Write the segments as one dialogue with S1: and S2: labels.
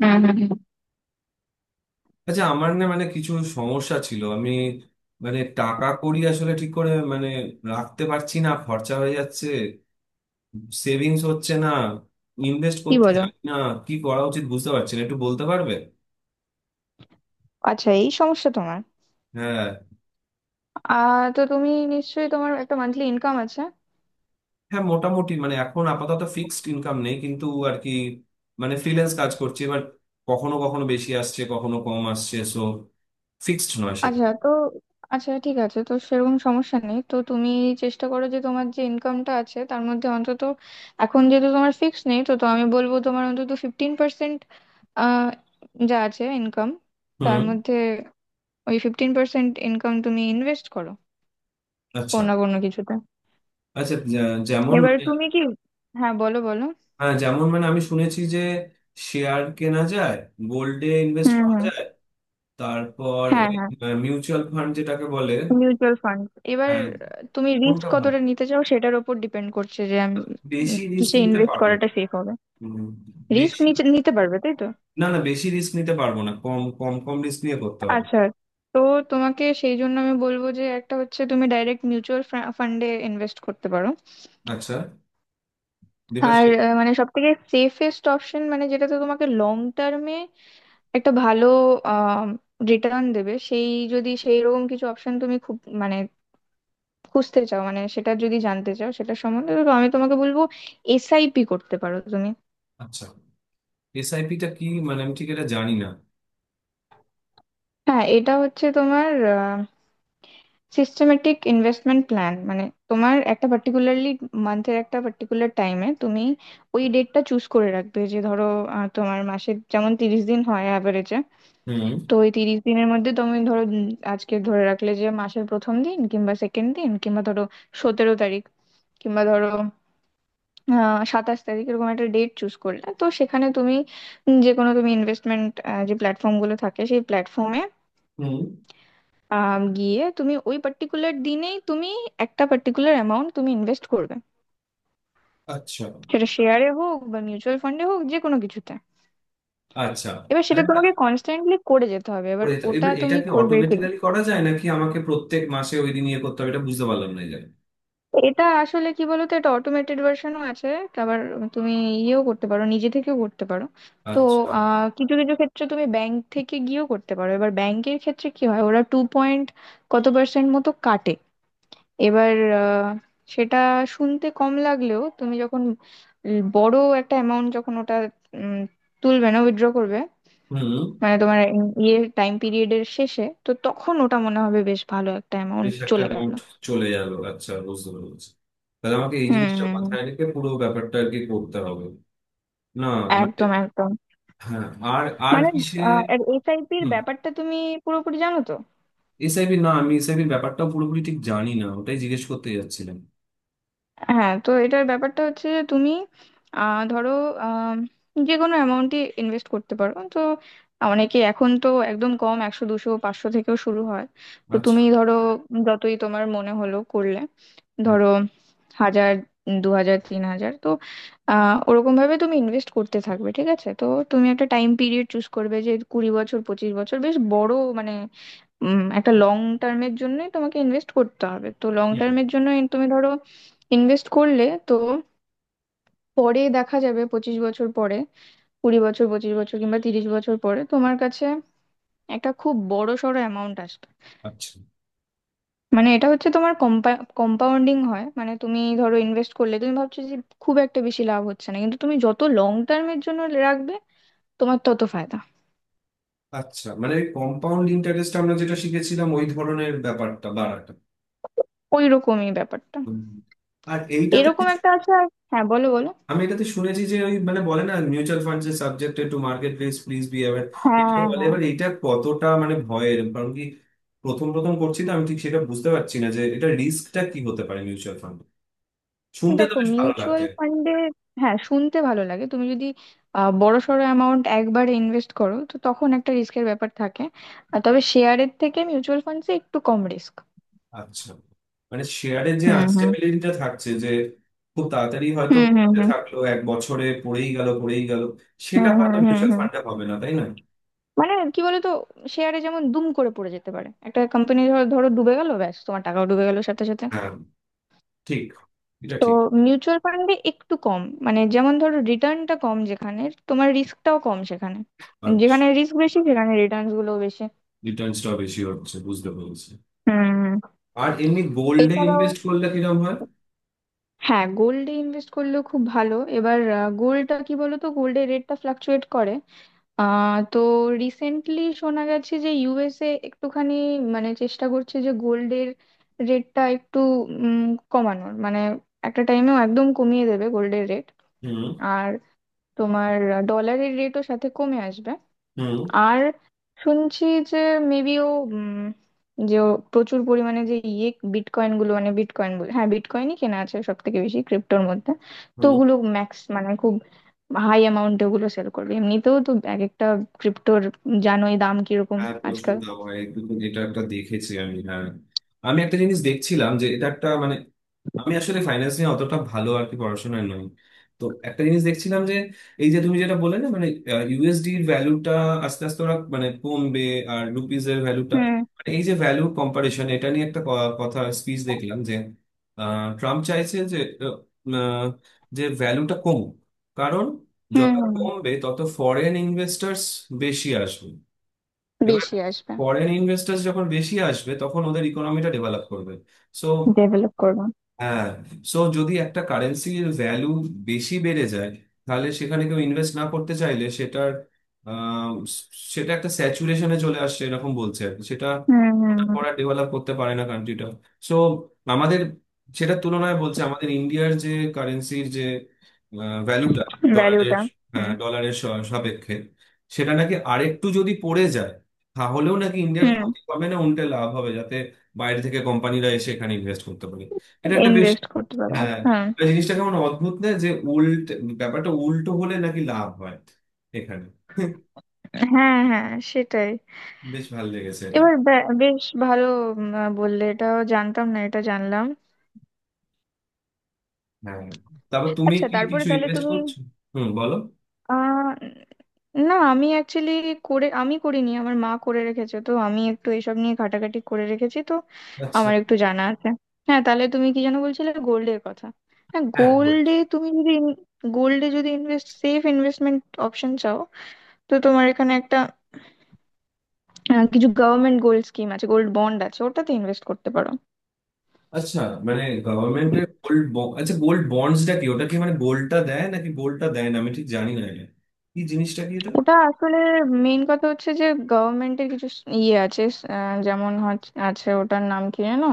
S1: হুম হুম হুম।
S2: আচ্ছা আমার না কিছু সমস্যা ছিল। আমি মানে টাকা কড়ি আসলে ঠিক করে রাখতে পারছি না, খরচা হয়ে যাচ্ছে, সেভিংস হচ্ছে না, ইনভেস্ট
S1: কি
S2: করতে
S1: বলো?
S2: জানি না, কি করা উচিত বুঝতে পারছি না, একটু বলতে পারবে?
S1: আচ্ছা, এই সমস্যা তোমার?
S2: হ্যাঁ।
S1: তো তুমি নিশ্চয়ই তোমার একটা মান্থলি ইনকাম আছে?
S2: হ্যাঁ, মোটামুটি এখন আপাতত ফিক্সড ইনকাম নেই, কিন্তু আর কি ফ্রিল্যান্স কাজ করছি। এবার কখনো কখনো বেশি আসছে, কখনো কম আসছে, সো ফিক্সড নয় সেটা।
S1: আচ্ছা, তো আচ্ছা ঠিক আছে, তো সেরকম সমস্যা নেই, তো তুমি চেষ্টা করো যে তোমার যে ইনকামটা আছে তার মধ্যে অন্তত এখন যেহেতু তোমার ফিক্স নেই, তো তো আমি বলবো তোমার অন্তত 15%, আহ যা আছে ইনকাম, তার
S2: হুম।
S1: মধ্যে ওই 15% ইনকাম তুমি ইনভেস্ট করো, কোনো
S2: আচ্ছা।
S1: না কোনো কিছুতে।
S2: আচ্ছা, যে- যেমন
S1: এবার
S2: মানে
S1: তুমি কি? হ্যাঁ, বলো বলো।
S2: হ্যাঁ, যেমন মানে আমি শুনেছি যে শেয়ার কেনা যায়, গোল্ডে ইনভেস্ট
S1: হুম
S2: করা
S1: হুম।
S2: যায়, তারপর
S1: হ্যাঁ
S2: ওই
S1: হ্যাঁ।
S2: মিউচুয়াল ফান্ড যেটাকে বলে।
S1: Mutual fund. এবার
S2: হ্যাঁ।
S1: তুমি রিস্ক
S2: কোনটা ভালো?
S1: কতটা নিতে চাও সেটার উপর ডিপেন্ড করছে যে আমি
S2: বেশি রিস্ক
S1: কিসে
S2: নিতে
S1: ইনভেস্ট
S2: পারবো?
S1: করাটা সেফ হবে,
S2: উম,
S1: রিস্ক
S2: বেশি?
S1: নিতে পারবে, তাই তো?
S2: না না, বেশি রিস্ক নিতে পারবো না, কম কম কম রিস্ক নিয়ে করতে হবে।
S1: আচ্ছা, তো তোমাকে সেই জন্য আমি বলবো যে একটা হচ্ছে তুমি ডাইরেক্ট মিউচুয়াল ফান্ডে ইনভেস্ট করতে পারো।
S2: আচ্ছা।
S1: আর
S2: দেবাশে
S1: মানে সব থেকে সেফেস্ট অপশন মানে যেটাতে তোমাকে লং টার্মে একটা ভালো রিটার্ন দেবে সেই, যদি সেই রকম কিছু অপশন তুমি খুব মানে খুঁজতে চাও, মানে সেটা যদি জানতে চাও সেটা সম্বন্ধে, তো আমি তোমাকে বলবো এসআইপি করতে পারো তুমি।
S2: আচ্ছা, এসআইপি টা কি? আমি ঠিক এটা জানি না।
S1: হ্যাঁ, এটা হচ্ছে তোমার সিস্টেমেটিক ইনভেস্টমেন্ট প্ল্যান, মানে তোমার একটা পার্টিকুলারলি মান্থের একটা পার্টিকুলার টাইমে তুমি ওই ডেটটা চুজ করে রাখবে, যে ধরো তোমার মাসের যেমন 30 দিন হয় অ্যাভারেজে,
S2: হুম।
S1: তো ওই 30 দিনের মধ্যে তুমি ধরো আজকে ধরে রাখলে যে মাসের প্রথম দিন কিংবা সেকেন্ড দিন কিংবা ধরো 17 তারিখ কিংবা ধরো 27 তারিখ, এরকম একটা ডেট চুজ করলে তো সেখানে তুমি যে কোনো তুমি ইনভেস্টমেন্ট যে প্ল্যাটফর্ম গুলো থাকে সেই প্ল্যাটফর্মে
S2: হুম।
S1: গিয়ে তুমি ওই পার্টিকুলার দিনেই তুমি একটা পার্টিকুলার অ্যামাউন্ট তুমি ইনভেস্ট করবে,
S2: আচ্ছা।
S1: সেটা শেয়ারে হোক বা মিউচুয়াল ফান্ডে হোক, যে কোনো কিছুতে।
S2: আচ্ছা।
S1: এবার সেটা
S2: আরে না,
S1: তোমাকে কনস্ট্যান্টলি করে যেতে হবে, এবার
S2: ওই তো,
S1: ওটা
S2: এবার এটা
S1: তুমি
S2: কি
S1: করবে।
S2: অটোমেটিক্যালি করা যায় নাকি আমাকে প্রত্যেক মাসে ওই দিন ইয়ে করতে হবে? এটা বুঝতে পারলাম না এই জায়গায়।
S1: এটা আসলে কি বলতো, এটা অটোমেটেড ভার্সনও আছে, আবার তুমি ইয়েও করতে পারো, নিজে থেকেও করতে পারো। তো
S2: আচ্ছা।
S1: কিছু কিছু ক্ষেত্রে তুমি ব্যাংক থেকে গিয়েও করতে পারো, এবার ব্যাংকের ক্ষেত্রে কি হয়, ওরা টু পয়েন্ট কত পার্সেন্ট মতো কাটে। এবার আহ, সেটা শুনতে কম লাগলেও তুমি যখন বড় একটা অ্যামাউন্ট যখন ওটা উম, তুলবে না উইথড্র করবে,
S2: হুম।
S1: মানে তোমার ইয়ে টাইম পিরিয়ডের শেষে, তো তখন ওটা মনে হবে বেশ ভালো একটা অ্যামাউন্ট
S2: বেশ একটা
S1: চলে গেল।
S2: অ্যামাউন্ট চলে গেল, আচ্ছা বুঝতে পেরেছি। তাহলে আমাকে এই
S1: হুম
S2: জিনিসটা
S1: হুম হুম।
S2: মাথায় রেখে পুরো ব্যাপারটা আর কি করতে হবে। না, মানে
S1: একদম একদম।
S2: হ্যাঁ। আর, আর
S1: মানে
S2: কিসে?
S1: এর এসআইপি এর
S2: হুম।
S1: ব্যাপারটা তুমি পুরোপুরি জানো তো?
S2: এসআইবি, না আমি এসআইবির ব্যাপারটা পুরোপুরি ঠিক জানি না, ওটাই জিজ্ঞেস করতে যাচ্ছিলাম।
S1: হ্যাঁ, তো এটার ব্যাপারটা হচ্ছে যে তুমি ধরো আম, যে কোনো অ্যামাউন্টই ইনভেস্ট করতে পারো তো। অনেকে এখন তো একদম কম 100 200 500 থেকেও শুরু হয়, তো
S2: আচ্ছা।
S1: তুমি ধরো যতই তোমার মনে হলো করলে, ধরো 1,000, 2,000, 3,000, তো ওরকম ভাবে তুমি ইনভেস্ট করতে থাকবে। ঠিক আছে? তো তুমি একটা টাইম পিরিয়ড চুজ করবে যে 20 বছর, 25 বছর, বেশ বড় মানে একটা লং টার্মের জন্য তোমাকে ইনভেস্ট করতে হবে, তো লং
S2: হুম।
S1: টার্মের জন্য তুমি ধরো ইনভেস্ট করলে, তো পরে দেখা যাবে 25 বছর পরে, 20 বছর, পঁচিশ বছর কিংবা 30 বছর পরে তোমার কাছে একটা খুব বড় সড়ো অ্যামাউন্ট আসবে।
S2: আচ্ছা।
S1: মানে এটা হচ্ছে তোমার কম্পাউন্ডিং হয়, মানে তুমি ধরো ইনভেস্ট করলে তুমি ভাবছো যে খুব একটা বেশি লাভ হচ্ছে না, কিন্তু তুমি যত লং টার্মের জন্য রাখবে তোমার তত ফায়দা।
S2: আচ্ছা, কম্পাউন্ড ইন্টারেস্ট আমরা যেটা শিখেছিলাম ওই ধরনের ব্যাপারটা, বাড়াটা।
S1: ওই রকমই ব্যাপারটা,
S2: হুম। আর এইটাতে
S1: এরকম একটা আছে হ্যাঁ, বলো বলো।
S2: আমি এটাতে শুনেছি যে ওই বলে না, মিউচুয়াল ফান্ড যে subjected to market risk, please be aware, এটা
S1: হ্যাঁ
S2: বলে।
S1: হ্যাঁ।
S2: এবার এটা কতটা ভয়ের কারণ কি? প্রথম প্রথম করছি তো, আমি ঠিক সেটা বুঝতে পারছি না যে এটা রিস্কটা কি হতে পারে মিউচুয়াল ফান্ড। শুনতে তো
S1: দেখো,
S2: বেশ ভালো লাগছে।
S1: মিউচুয়াল ফান্ডে, হ্যাঁ শুনতে ভালো লাগে, তুমি যদি বড়সড় অ্যামাউন্ট একবারে ইনভেস্ট করো, তো তখন একটা রিস্কের ব্যাপার থাকে। আর তবে শেয়ারের থেকে মিউচুয়াল ফান্ডসে একটু কম রিস্ক।
S2: আচ্ছা, মানে শেয়ারের যে
S1: হুম হুম
S2: আনস্টেবিলিটিটা থাকছে, যে খুব তাড়াতাড়ি হয়তো
S1: হুম হুম
S2: পড়তে
S1: হুম
S2: থাকলো, এক বছরে পড়েই গেল পড়েই গেল,
S1: হুম
S2: সেটা হয়তো
S1: হুম হুম
S2: মিউচুয়াল
S1: হুম।
S2: ফান্ডে হবে না তাই না?
S1: মানে কি বলতো, শেয়ারে যেমন দুম করে পড়ে যেতে পারে, একটা কোম্পানি ধরো ধরো ডুবে গেল, ব্যাস তোমার টাকাও ডুবে গেল সাথে সাথে।
S2: হ্যাঁ। ঠিক। এটা
S1: তো
S2: ঠিক।
S1: মিউচুয়াল ফান্ডে একটু কম, মানে যেমন ধরো রিটার্নটা কম যেখানে, তোমার রিস্কটাও কম সেখানে।
S2: আচ্ছা।
S1: যেখানে রিস্ক বেশি সেখানে রিটার্নস গুলো বেশি।
S2: রিটার্নসটা বেশি হচ্ছে, বুঝতে পেরেছি।
S1: হুম।
S2: আর এমনি গোল্ডে
S1: এছাড়াও,
S2: ইনভেস্ট করলে কিরকম হয়?
S1: হ্যাঁ গোল্ডে ইনভেস্ট করলেও খুব ভালো। এবার গোল্ডটা কি বলতো, গোল্ডের রেটটা ফ্লাকচুয়েট করে। তো রিসেন্টলি শোনা গেছে যে ইউএসএ একটুখানি মানে চেষ্টা করছে যে গোল্ডের রেটটা একটু উম, কমানোর মানে একটা টাইমেও একদম কমিয়ে দেবে গোল্ডের রেট।
S2: হুম।
S1: আর তোমার ডলারের রেটও সাথে কমে আসবে।
S2: হুম।
S1: আর শুনছি যে মেবি ও উম, যে ও প্রচুর পরিমাণে যে ইয়ে বিটকয়েন গুলো, মানে বিটকয়েন বলে, হ্যাঁ বিটকয়েনই কেনা আছে সব থেকে বেশি ক্রিপ্টোর মধ্যে, তো
S2: হুম।
S1: ওগুলো ম্যাক্স মানে খুব হাই অ্যামাউন্টে ওগুলো সেল করবে। এমনিতেও তো এক একটা ক্রিপ্টোর জানোই দাম কিরকম
S2: হ্যাঁ প্রচুর
S1: আজকাল।
S2: দাম হয়, দুদিন এটা একটা দেখেছি আমি, হ্যাঁ। আমি একটা জিনিস দেখছিলাম যে এটা একটা আমি আসলে ফাইন্যান্স নিয়ে অতটা ভালো আর কি পড়াশোনায় নই। তো একটা জিনিস দেখছিলাম যে এই যে তুমি যেটা বললে না, ইউএসডি এর ভ্যালুটা আস্তে আস্তে ওরা কমবে, আর রুপিজ এর ভ্যালুটা,
S1: হুম
S2: এই যে ভ্যালু কম্পারিশন, এটা নিয়ে একটা কথা, স্পিচ দেখলাম যে ট্রাম্প চাইছে যে আহ, আহ, যে ভ্যালুটা কমুক, কারণ
S1: হুম
S2: যত
S1: হুম।
S2: কমবে তত ফরেন ইনভেস্টার্স বেশি আসবে। এবার
S1: বেশি আসবে।
S2: ফরেন ইনভেস্টার যখন বেশি আসবে, তখন ওদের ইকোনমিটা ডেভেলপ করবে, সো
S1: ডেভেলপ করবে।
S2: হ্যাঁ, সো যদি একটা কারেন্সির ভ্যালু বেশি বেড়ে যায়, তাহলে সেখানে কেউ ইনভেস্ট না করতে চাইলে সেটার আম, সেটা একটা স্যাচুরেশনে চলে আসছে এরকম বলছে আর কি। সেটা
S1: হুম হুম।
S2: ওটা করা ডেভেলপ করতে পারে না কান্ট্রিটা। সো আমাদের, সেটার তুলনায় বলছে আমাদের ইন্ডিয়ার যে কারেন্সির যে ভ্যালুটা, ডলারের
S1: ভ্যালুটা। হুম, value
S2: ডলারের সাপেক্ষে সেটা নাকি আরেকটু যদি পড়ে যায়, তাহলেও নাকি
S1: টা,
S2: ইন্ডিয়ার
S1: হুম।
S2: ক্ষতি হবে না, উল্টে লাভ হবে, যাতে বাইরে থেকে কোম্পানিরা এসে এখানে ইনভেস্ট করতে পারে। এটা একটা বেশ।
S1: ইনভেস্ট করতে পারবে।
S2: হ্যাঁ,
S1: হ্যাঁ
S2: জিনিসটা কেমন অদ্ভুত না, যে উল্ট ব্যাপারটা উল্টো হলে নাকি লাভ হয় এখানে।
S1: হ্যাঁ। হ্যাঁ, সেটাই।
S2: বেশ ভালো লেগেছে এটা।
S1: এবার বেশ ভালো, বললে এটাও জানতাম না, এটা জানলাম।
S2: হ্যাঁ, তারপর তুমি
S1: আচ্ছা,
S2: কি
S1: তারপরে
S2: কিছু
S1: তাহলে
S2: ইনভেস্ট
S1: তুমি
S2: করছো? হুম, বলো।
S1: আহ না, আমি অ্যাকচুয়ালি করে আমি করিনি, আমার মা করে রেখেছে, তো আমি একটু এসব নিয়ে ঘাটাঘাটি করে রেখেছি, তো
S2: আচ্ছা।
S1: আমার একটু জানা আছে। হ্যাঁ, তাহলে তুমি কি যেন বলছিলে, গোল্ডের কথা? হ্যাঁ,
S2: হ্যাঁ গোল্ড।
S1: গোল্ডে তুমি যদি গোল্ডে যদি ইনভেস্ট সেফ ইনভেস্টমেন্ট অপশন চাও, তো তোমার এখানে একটা কিছু গভর্নমেন্ট গোল্ড স্কিম আছে, গোল্ড বন্ড আছে, ওটাতে ইনভেস্ট করতে পারো।
S2: আচ্ছা, মানে গভর্নমেন্টের গোল্ড, আচ্ছা গোল্ড বন্ডসটা কি? ওটা কি গোল্ডটা দেয় নাকি গোল্ডটা দেয় না, আমি ঠিক জানি না এটা কি জিনিসটা কি এটা।
S1: ওটা আসলে মেইন কথা হচ্ছে যে গভর্নমেন্টের কিছু ইয়ে আছে, যেমন আছে, ওটার নাম কি জানো,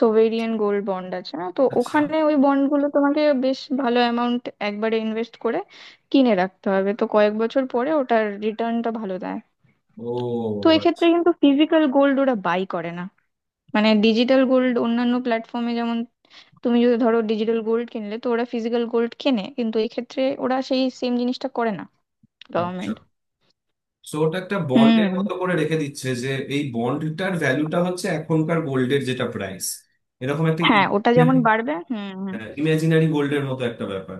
S1: সোভেরিয়ান গোল্ড বন্ড আছে না, তো
S2: আচ্ছা।
S1: ওখানে ওই বন্ডগুলো তোমাকে বেশ ভালো অ্যামাউন্ট একবারে ইনভেস্ট করে কিনে রাখতে হবে, তো কয়েক বছর পরে ওটার রিটার্নটা ভালো দেয়।
S2: ও।
S1: তো
S2: আচ্ছা।
S1: এক্ষেত্রে কিন্তু ফিজিক্যাল গোল্ড ওরা বাই করে না, মানে ডিজিটাল গোল্ড অন্যান্য প্ল্যাটফর্মে যেমন তুমি যদি ধরো ডিজিটাল গোল্ড কিনলে তো ওরা ফিজিক্যাল গোল্ড কেনে, কিন্তু এক্ষেত্রে ওরা সেই সেম জিনিসটা করে না
S2: আচ্ছা,
S1: গভর্নমেন্ট।
S2: সো ওটা একটা বন্ডের
S1: হুম।
S2: মতো করে রেখে দিচ্ছে যে এই বন্ডটার ভ্যালুটা হচ্ছে এখনকার গোল্ডের যেটা প্রাইস, এরকম একটা
S1: হ্যাঁ, ওটা যেমন বাড়বে। হুম হুম।
S2: ইমাজিনারি গোল্ডের মতো একটা ব্যাপার।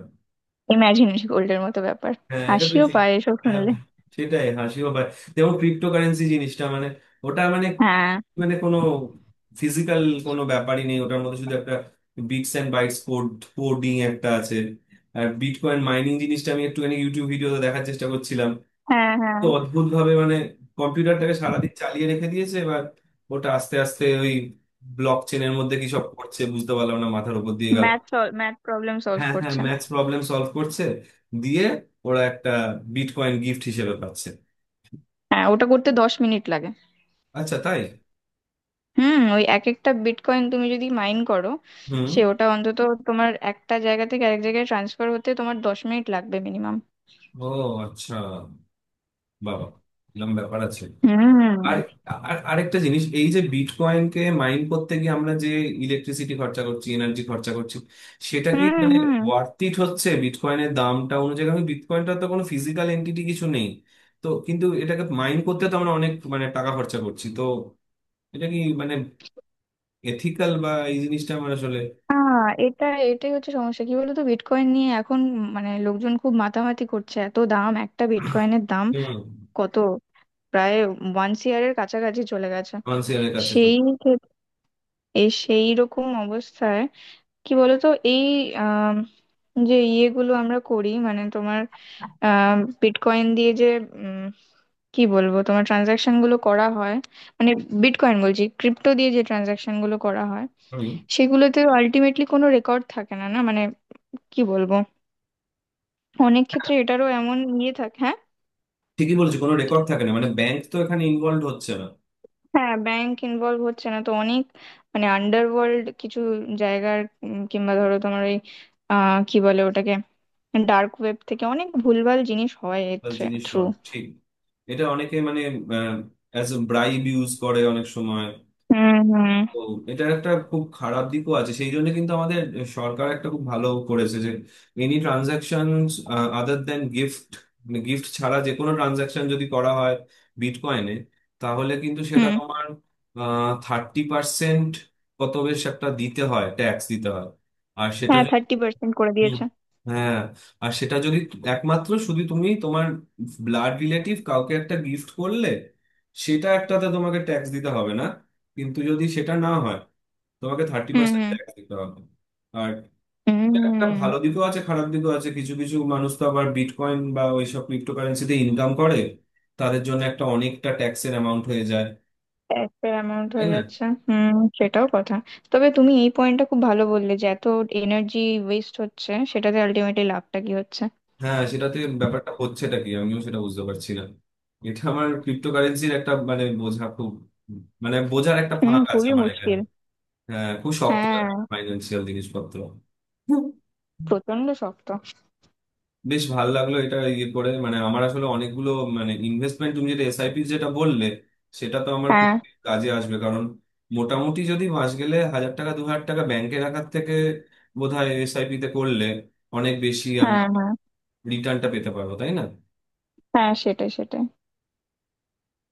S1: ইমাজিন গোল্ডের মতো ব্যাপার।
S2: হ্যাঁ এটা বেশ।
S1: হাসিও পায় এসব
S2: হ্যাঁ,
S1: শুনলে।
S2: সেটাই, হাসিও পায়। যেমন ক্রিপ্টোকারেন্সি জিনিসটা মানে ওটা মানে
S1: হ্যাঁ
S2: মানে কোনো ফিজিক্যাল কোনো ব্যাপারই নেই ওটার মধ্যে, শুধু একটা bits and bytes code, coding একটা আছে। আর বিটকয়েন মাইনিং জিনিসটা আমি একটুখানি ইউটিউব ভিডিওতে দেখার চেষ্টা করছিলাম।
S1: হ্যাঁ। হ্যাঁ।
S2: তো অদ্ভুত ভাবে কম্পিউটারটাকে সারাদিন চালিয়ে রেখে দিয়েছে, এবার ওটা আস্তে আস্তে ওই ব্লক চেনের মধ্যে কি সব করছে বুঝতে পারলাম না, মাথার উপর দিয়ে গেল।
S1: ম্যাথ, ম্যাথ প্রবলেম সলভ
S2: হ্যাঁ হ্যাঁ,
S1: করছে।
S2: ম্যাথস প্রবলেম সলভ করছে, দিয়ে ওরা একটা বিটকয়েন গিফট হিসেবে পাচ্ছে।
S1: হ্যাঁ, ওটা করতে 10 মিনিট লাগে।
S2: আচ্ছা, তাই?
S1: হুম, ওই এক একটা বিটকয়েন তুমি যদি মাইন করো,
S2: হুম।
S1: সে ওটা অন্তত তোমার একটা জায়গা থেকে আরেক জায়গায় ট্রান্সফার হতে তোমার 10 মিনিট লাগবে মিনিমাম।
S2: ও আচ্ছা, বাবা, এরকম ব্যাপার আছে। আর
S1: হুম
S2: আর আরেকটা জিনিস, এই যে বিটকয়েনকে মাইন করতে গিয়ে আমরা যে ইলেকট্রিসিটি খরচা করছি, এনার্জি খরচা করছি, সেটা কি
S1: হুম হুম।
S2: ওয়ার্থ ইট হচ্ছে বিটকয়েনের দামটা অনুযায়ী? কারণ বিটকয়েনটা তো কোনো ফিজিক্যাল এন্টিটি কিছু নেই, তো কিন্তু এটাকে মাইন করতে তো আমরা অনেক টাকা খরচা করছি তো। এটা কি এথিক্যাল, বা এই জিনিসটা আমার আসলে,
S1: এটা, এটাই হচ্ছে সমস্যা কি বলতো বিটকয়েন নিয়ে এখন, মানে লোকজন খুব মাতামাতি করছে, এত দাম, একটা বিটকয়েনের দাম কত, প্রায় ওয়ান ইয়ারের কাছাকাছি চলে গেছে।
S2: ফাইন্যান্সিয়ালের কাছে তো।
S1: সেই ক্ষেত- এই সেই রকম অবস্থায় কি বলতো, এই আম, যে ইয়েগুলো আমরা করি, মানে তোমার বিটকয়েন দিয়ে যে উম, কি বলবো, তোমার ট্রানজাকশন গুলো করা হয়, মানে বিটকয়েন বলছি, ক্রিপ্টো দিয়ে যে ট্রানজাকশন গুলো করা হয়
S2: হুম,
S1: সেগুলোতে আলটিমেটলি কোনো রেকর্ড থাকে না, না মানে কি বলবো, অনেক ক্ষেত্রে এটারও এমন ইয়ে থাকে, হ্যাঁ?
S2: ঠিকই বলছি, কোনো রেকর্ড থাকে না, মানে ব্যাংক তো এখানে ইনভলভ হচ্ছে না।
S1: হ্যাঁ, ব্যাংক ইনভলভ হচ্ছে না তো অনেক মানে আন্ডারওয়ার্ল্ড কিছু জায়গার, কিংবা ধরো তোমার ওই কি বলে ওটাকে, ডার্ক ওয়েব থেকে অনেক ভুলভাল জিনিস হয় এর
S2: জিনিস
S1: থ্রু।
S2: হয়, ঠিক। এটা অনেকে অ্যাজ এ ব্রাইব ইউজ করে অনেক সময়।
S1: হুম হুম
S2: তো এটা একটা খুব খারাপ দিকও আছে। সেই জন্য কিন্তু আমাদের সরকার একটা খুব ভালো করেছে, যে any transaction other than gift, gift ছাড়া যে কোনো ট্রানজাকশন যদি করা হয় বিটকয়েনে, তাহলে কিন্তু সেটা
S1: হুম।
S2: তোমার 30%, কত, বেশ একটা দিতে হয়, ট্যাক্স দিতে হয়। আর সেটা,
S1: হ্যাঁ, 30% করে
S2: হুম।
S1: দিয়েছে।
S2: হ্যাঁ, আর সেটা যদি একমাত্র শুধু তুমি তোমার ব্লাড রিলেটিভ কাউকে একটা গিফট করলে, সেটা একটাতে তোমাকে ট্যাক্স দিতে হবে না, কিন্তু যদি সেটা না হয়, তোমাকে থার্টি
S1: হুম
S2: পার্সেন্ট
S1: হুম
S2: ট্যাক্স দিতে হবে। আর এটা একটা
S1: হুম।
S2: ভালো দিকও আছে, খারাপ দিকও আছে। কিছু কিছু মানুষ তো আবার বিটকয়েন বা ওইসব ক্রিপ্টোকারেন্সিতে ইনকাম করে, তাদের জন্য একটা অনেকটা ট্যাক্সের অ্যামাউন্ট হয়ে যায়,
S1: একটা অ্যামাউন্ট
S2: তাই
S1: হয়ে
S2: না?
S1: যাচ্ছে। হুম, সেটাও কথা। তবে তুমি এই পয়েন্টটা খুব ভালো বললে, যে এত এনার্জি ওয়েস্ট হচ্ছে, সেটাতে আলটিমেটলি লাভটা কি হচ্ছে।
S2: হ্যাঁ সেটাতে ব্যাপারটা হচ্ছেটা কি আমিও সেটা বুঝতে পারছি না। এটা আমার ক্রিপ্টোকারেন্সির একটা বোঝা খুব বোঝার একটা
S1: হুম,
S2: ফাঁক আছে
S1: খুবই
S2: আমার এখানে।
S1: মুশকিল।
S2: হ্যাঁ, খুব শক্ত
S1: হ্যাঁ,
S2: ফাইন্যান্সিয়াল জিনিসপত্র। হুম।
S1: প্রচন্ড শক্ত।
S2: বেশ ভালো লাগলো এটা ইয়ে করে। আমার আসলে অনেকগুলো ইনভেস্টমেন্ট, তুমি যেটা এসআইপি যেটা বললে, সেটা তো আমার খুব
S1: হ্যাঁ
S2: কাজে আসবে, কারণ মোটামুটি যদি মাস গেলে 1000 টাকা 2000 টাকা ব্যাংকে রাখার থেকে বোধহয় এসআইপি তে করলে অনেক বেশি আমরা
S1: হ্যাঁ হ্যাঁ।
S2: রিটার্নটা পেতে পারবো, তাই না?
S1: হ্যাঁ, সেটাই সেটাই।